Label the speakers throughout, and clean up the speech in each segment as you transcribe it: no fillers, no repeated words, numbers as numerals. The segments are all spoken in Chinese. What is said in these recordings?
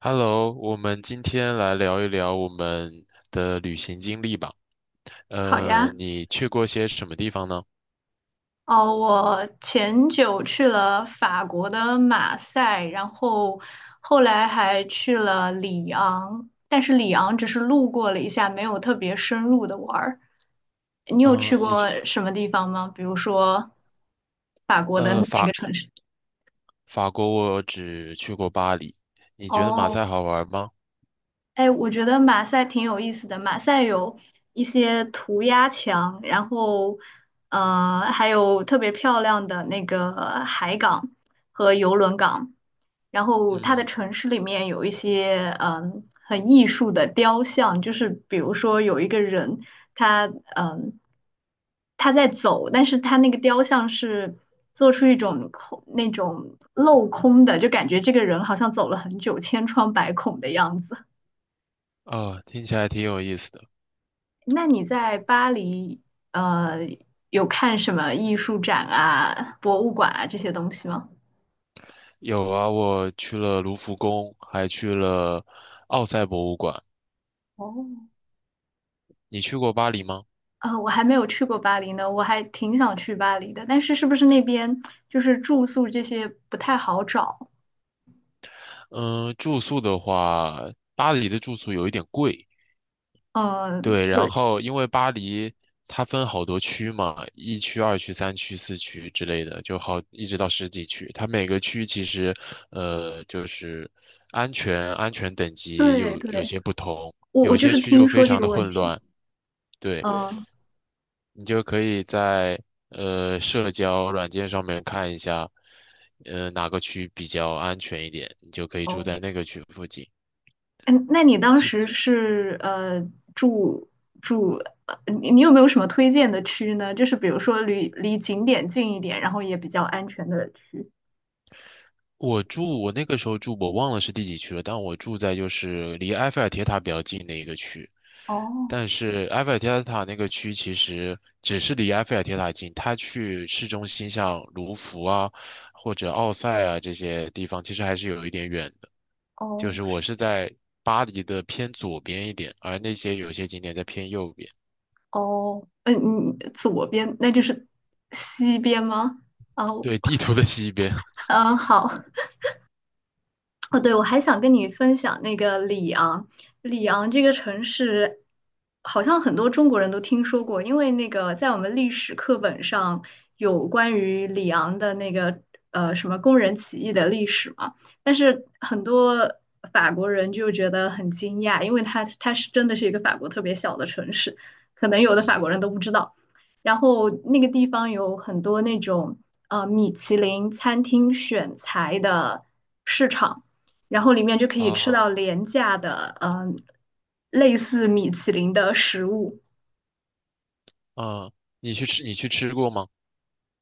Speaker 1: Hello，我们今天来聊一聊我们的旅行经历吧。
Speaker 2: 好呀，
Speaker 1: 你去过些什么地方呢？
Speaker 2: 哦，我前久去了法国的马赛，然后后来还去了里昂，但是里昂只是路过了一下，没有特别深入的玩儿。你有
Speaker 1: 嗯
Speaker 2: 去
Speaker 1: 呃，你
Speaker 2: 过
Speaker 1: 去
Speaker 2: 什么地方吗？比如说法国的
Speaker 1: 呃
Speaker 2: 那
Speaker 1: 法
Speaker 2: 个城市？
Speaker 1: 法国我只去过巴黎。你觉得马赛
Speaker 2: 哦。
Speaker 1: 好玩吗？
Speaker 2: 哎，我觉得马赛挺有意思的。马赛有一些涂鸦墙，然后，还有特别漂亮的那个海港和游轮港。然后，它的
Speaker 1: 嗯，
Speaker 2: 城市里面有一些很艺术的雕像，就是比如说有一个人，他嗯他在走，但是他那个雕像是做出一种空那种镂空的，就感觉这个人好像走了很久，千疮百孔的样子。
Speaker 1: 哦，听起来挺有意思的。
Speaker 2: 那你在巴黎，呃，有看什么艺术展啊、博物馆啊这些东西吗？
Speaker 1: 有啊，我去了卢浮宫，还去了奥赛博物馆。
Speaker 2: 哦，
Speaker 1: 你去过巴黎吗？
Speaker 2: 我还没有去过巴黎呢，我还挺想去巴黎的，但是是不是那边就是住宿这些不太好找？
Speaker 1: 嗯、住宿的话，巴黎的住宿有一点贵。
Speaker 2: 呃，
Speaker 1: 对，然
Speaker 2: 对
Speaker 1: 后因为巴黎它分好多区嘛，一区、二区、三区、四区之类的，就好一直到十几区。它每个区其实，就是安全等级
Speaker 2: 对
Speaker 1: 有有
Speaker 2: 对，
Speaker 1: 些不同，
Speaker 2: 我
Speaker 1: 有
Speaker 2: 就
Speaker 1: 些
Speaker 2: 是
Speaker 1: 区就
Speaker 2: 听
Speaker 1: 非
Speaker 2: 说这
Speaker 1: 常
Speaker 2: 个
Speaker 1: 的
Speaker 2: 问
Speaker 1: 混
Speaker 2: 题。
Speaker 1: 乱。对，
Speaker 2: 嗯，
Speaker 1: 你就可以在社交软件上面看一下，哪个区比较安全一点，你就可以住
Speaker 2: 哦。
Speaker 1: 在那个区附近。
Speaker 2: 嗯，那你当时是住住，你有没有什么推荐的区呢？就是比如说离景点近一点，然后也比较安全的区。
Speaker 1: 我那个时候住，我忘了是第几区了，但我住在就是离埃菲尔铁塔比较近的一个区。
Speaker 2: 哦
Speaker 1: 但是埃菲尔铁塔那个区其实只是离埃菲尔铁塔近，它去市中心像卢浮啊或者奥赛啊这些地方，其实还是有一点远的。就
Speaker 2: 哦
Speaker 1: 是我是在巴黎的偏左边一点，而有些景点在偏右边，
Speaker 2: 哦，嗯嗯，你左边那就是西边吗？哦，
Speaker 1: 对，地图的西边。
Speaker 2: 嗯，好。哦，对，我还想跟你分享那个里昂，里昂这个城市，好像很多中国人都听说过，因为那个在我们历史课本上有关于里昂的那个什么工人起义的历史嘛，但是很多法国人就觉得很惊讶，因为它是真的是一个法国特别小的城市，可能有 的法
Speaker 1: 嗯
Speaker 2: 国人都不知道。然后那个地方有很多那种米其林餐厅选材的市场。然后里面就可以吃到
Speaker 1: 啊
Speaker 2: 廉价的，嗯、类似米其林的食物。
Speaker 1: 啊，你去吃过吗？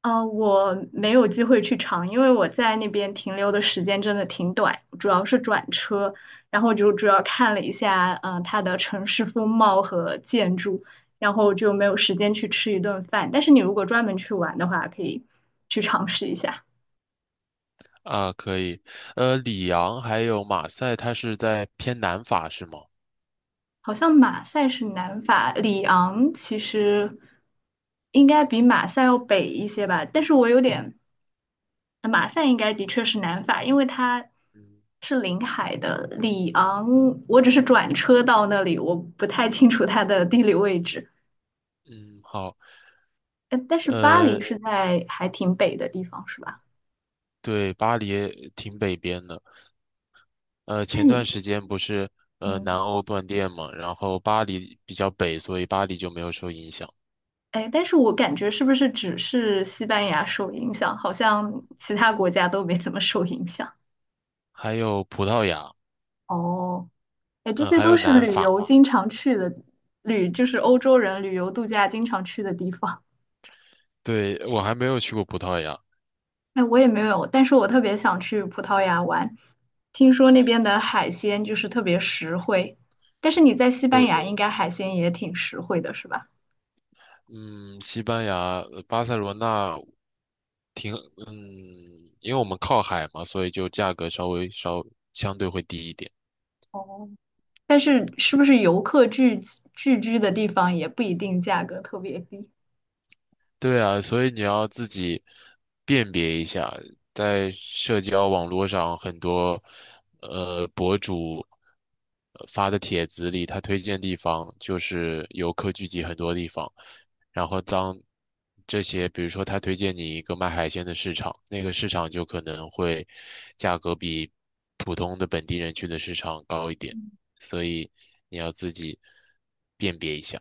Speaker 2: 呃，我没有机会去尝，因为我在那边停留的时间真的挺短，主要是转车，然后就主要看了一下，嗯、它的城市风貌和建筑，然后就没有时间去吃一顿饭。但是你如果专门去玩的话，可以去尝试一下。
Speaker 1: 啊，可以。里昂还有马赛，它是在偏南法是吗？
Speaker 2: 好像马赛是南法，里昂其实应该比马赛要北一些吧，但是我有点马赛应该的确是南法，因为它
Speaker 1: 嗯
Speaker 2: 是临海的。里昂，我只是转车到那里，我不太清楚它的地理位置。
Speaker 1: 嗯，好。
Speaker 2: 呃，但是巴黎
Speaker 1: 呃，
Speaker 2: 是在还挺北的地方，是吧？
Speaker 1: 对，巴黎也挺北边的。
Speaker 2: 那
Speaker 1: 前段
Speaker 2: 你，
Speaker 1: 时间不是南
Speaker 2: 嗯，
Speaker 1: 欧断电嘛，然后巴黎比较北，所以巴黎就没有受影响。
Speaker 2: 哎，但是我感觉是不是只是西班牙受影响，好像其他国家都没怎么受影响？
Speaker 1: 还有葡萄牙，
Speaker 2: 哦，哎，这
Speaker 1: 嗯、
Speaker 2: 些
Speaker 1: 还
Speaker 2: 都
Speaker 1: 有
Speaker 2: 是
Speaker 1: 南
Speaker 2: 旅
Speaker 1: 法。
Speaker 2: 游经常去的，旅就是欧洲人旅游度假经常去的地方。
Speaker 1: 对，我还没有去过葡萄牙。
Speaker 2: 哎，我也没有，但是我特别想去葡萄牙玩，听说那边的海鲜就是特别实惠，但是你在西班
Speaker 1: 对，
Speaker 2: 牙应该海鲜也挺实惠的，是吧？
Speaker 1: 嗯，西班牙，呃巴塞罗那因为我们靠海嘛，所以就价格稍微相对会低一点。
Speaker 2: 哦，但是是不是游客聚集聚居的地方也不一定价格特别低？
Speaker 1: 对啊，所以你要自己辨别一下，在社交网络上很多博主发的帖子里，他推荐地方就是游客聚集很多地方，然后当这些，比如说他推荐你一个卖海鲜的市场，那个市场就可能会价格比普通的本地人去的市场高一点，所以你要自己辨别一下。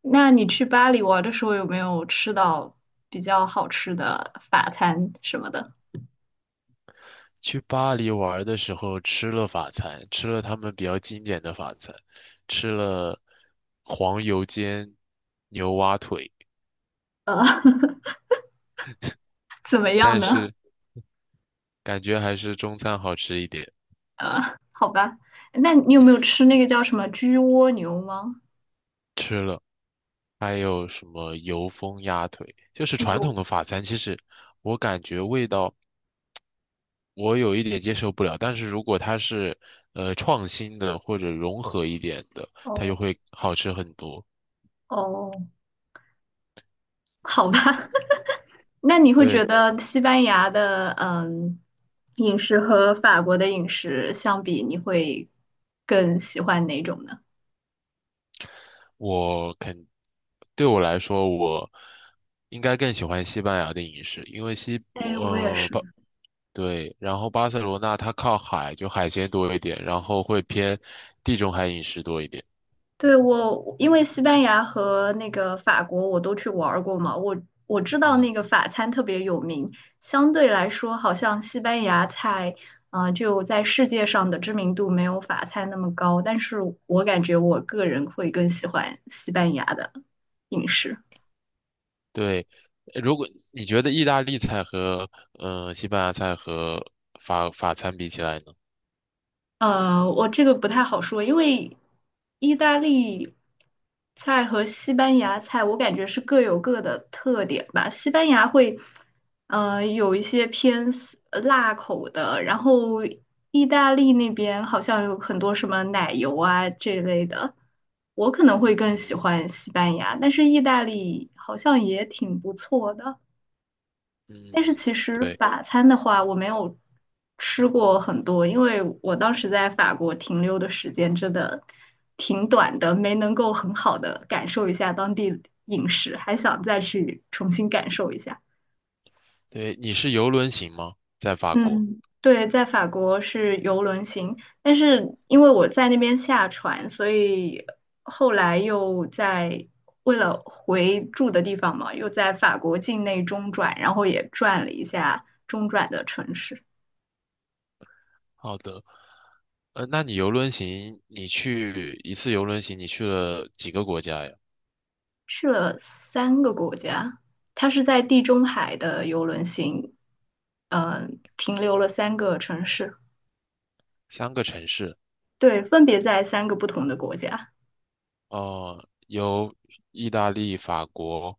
Speaker 2: 那你去巴黎玩的时候有没有吃到比较好吃的法餐什么的？
Speaker 1: 去巴黎玩的时候吃了法餐，吃了他们比较经典的法餐，吃了黄油煎牛蛙腿，
Speaker 2: 呃，怎么样
Speaker 1: 但
Speaker 2: 呢？
Speaker 1: 是感觉还是中餐好吃一点。
Speaker 2: 呃，好吧，那你有没有吃那个叫什么焗蜗牛吗？
Speaker 1: 吃了，还有什么油封鸭腿，就是传
Speaker 2: 有，
Speaker 1: 统的法餐。其实我感觉味道我有一点接受不了，但是如果它是创新的或者融合一点的，它就
Speaker 2: 哦
Speaker 1: 会好吃很多。
Speaker 2: 哦，好吧，那你会觉
Speaker 1: 对。
Speaker 2: 得西班牙的饮食和法国的饮食相比，你会更喜欢哪种呢？
Speaker 1: 我肯，对我来说，我应该更喜欢西班牙的饮食，因为西，
Speaker 2: 哎，我也
Speaker 1: 呃，
Speaker 2: 是。
Speaker 1: 巴，对，然后巴塞罗那它靠海，就海鲜多一点，然后会偏地中海饮食多一点。
Speaker 2: 对，我，因为西班牙和那个法国我都去玩儿过嘛，我知道那
Speaker 1: 嗯，
Speaker 2: 个法餐特别有名，相对来说好像西班牙菜啊，就在世界上的知名度没有法餐那么高，但是我感觉我个人会更喜欢西班牙的饮食。
Speaker 1: 对。如果你觉得意大利菜和西班牙菜和法餐比起来呢？
Speaker 2: 呃，我这个不太好说，因为意大利菜和西班牙菜，我感觉是各有各的特点吧。西班牙会，有一些偏 辣口的，然后意大利那边好像有很多什么奶油啊这类的。我可能会更喜
Speaker 1: 嗯
Speaker 2: 欢西班牙，但是意大利好像也挺不错的。但是
Speaker 1: 嗯，
Speaker 2: 其实
Speaker 1: 对
Speaker 2: 法餐的话，我没有吃过很多，因为我当时在法国停留的时间真的挺短的，没能够很好的感受一下当地饮食，还想再去重新感受一下。
Speaker 1: 对，你是游轮型吗？在法国？
Speaker 2: 嗯，对，在法国是游轮行，但是因为我在那边下船，所以后来又在为了回住的地方嘛，又在法国境内中转，然后也转了一下中转的城市。
Speaker 1: 好的。那你游轮行，你去一次游轮行，你去了几个国家呀？
Speaker 2: 去了三个国家，它是在地中海的游轮行，呃，停留了三个城市，
Speaker 1: 3个城市。
Speaker 2: 对，分别在三个不同的国家。
Speaker 1: 哦、有意大利、法国，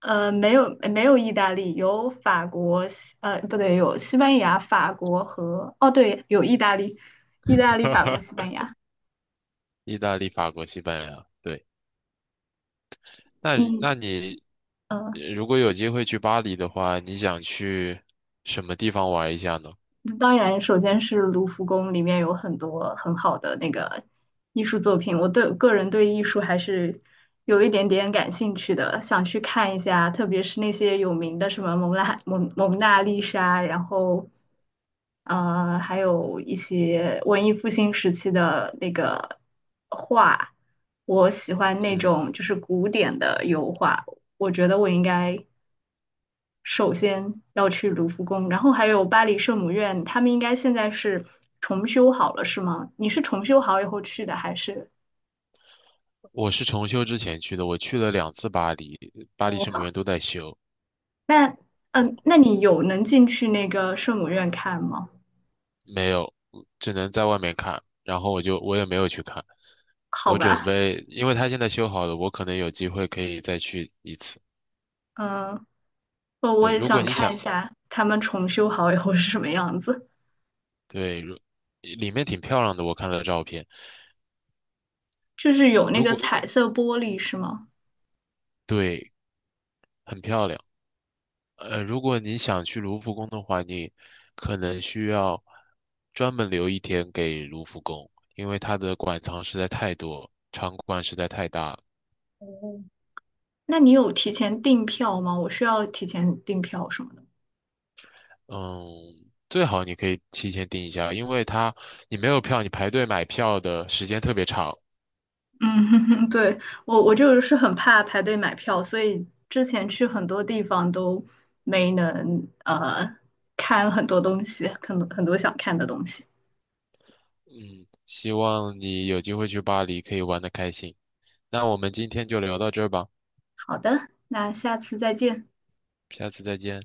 Speaker 2: 呃，没有没有意大利，有法国，西不对，有西班牙、法国和，哦，对，有意大利，意大利、法国、西 班牙。
Speaker 1: 意大利、法国、西班牙。对，那
Speaker 2: 你
Speaker 1: 你那你
Speaker 2: 呃
Speaker 1: 如果有机会去巴黎的话，你想去什么地方玩一下呢？
Speaker 2: 当然，首先是卢浮宫里面有很多很好的那个艺术作品，我对个人对艺术还是有一点点感兴趣的，想去看一下，特别是那些有名的什么蒙娜丽莎，然后还有一些文艺复兴时期的那个画，我喜欢那
Speaker 1: 嗯，
Speaker 2: 种就是古典的油画，我觉得我应该。首先要去卢浮宫，然后还有巴黎圣母院，他们应该现在是重修好了，是吗？你是重修好以后去的，还是？
Speaker 1: 我是重修之前去的，我去了2次巴黎，巴黎圣母
Speaker 2: 哦，
Speaker 1: 院都在修。
Speaker 2: 那那你有能进去那个圣母院看吗？
Speaker 1: 没有，只能在外面看。然后我也没有去看，
Speaker 2: 好
Speaker 1: 我准
Speaker 2: 吧，
Speaker 1: 备，因为它现在修好了，我可能有机会可以再去一次。
Speaker 2: 嗯，我
Speaker 1: 对，
Speaker 2: 也
Speaker 1: 如果
Speaker 2: 想
Speaker 1: 你
Speaker 2: 看
Speaker 1: 想，
Speaker 2: 一下他们重修好以后是什么样子，
Speaker 1: 对，里面挺漂亮的，我看了照片。
Speaker 2: 就是有那
Speaker 1: 如
Speaker 2: 个
Speaker 1: 果
Speaker 2: 彩色玻璃是吗？
Speaker 1: 对，很漂亮。如果你想去卢浮宫的话，你可能需要专门留一天给卢浮宫，因为它的馆藏实在太多，场馆实在太大了。
Speaker 2: 那你有提前订票吗？我需要提前订票什么的吗？
Speaker 1: 嗯，最好你可以提前订一下，因为它你没有票，你排队买票的时间特别长。
Speaker 2: 嗯，对，我就是很怕排队买票，所以之前去很多地方都没能看很多东西，很多很多想看的东西。
Speaker 1: 嗯，希望你有机会去巴黎可以玩得开心。那我们今天就聊到这儿吧，
Speaker 2: 好的，那下次再见。
Speaker 1: 下次再见。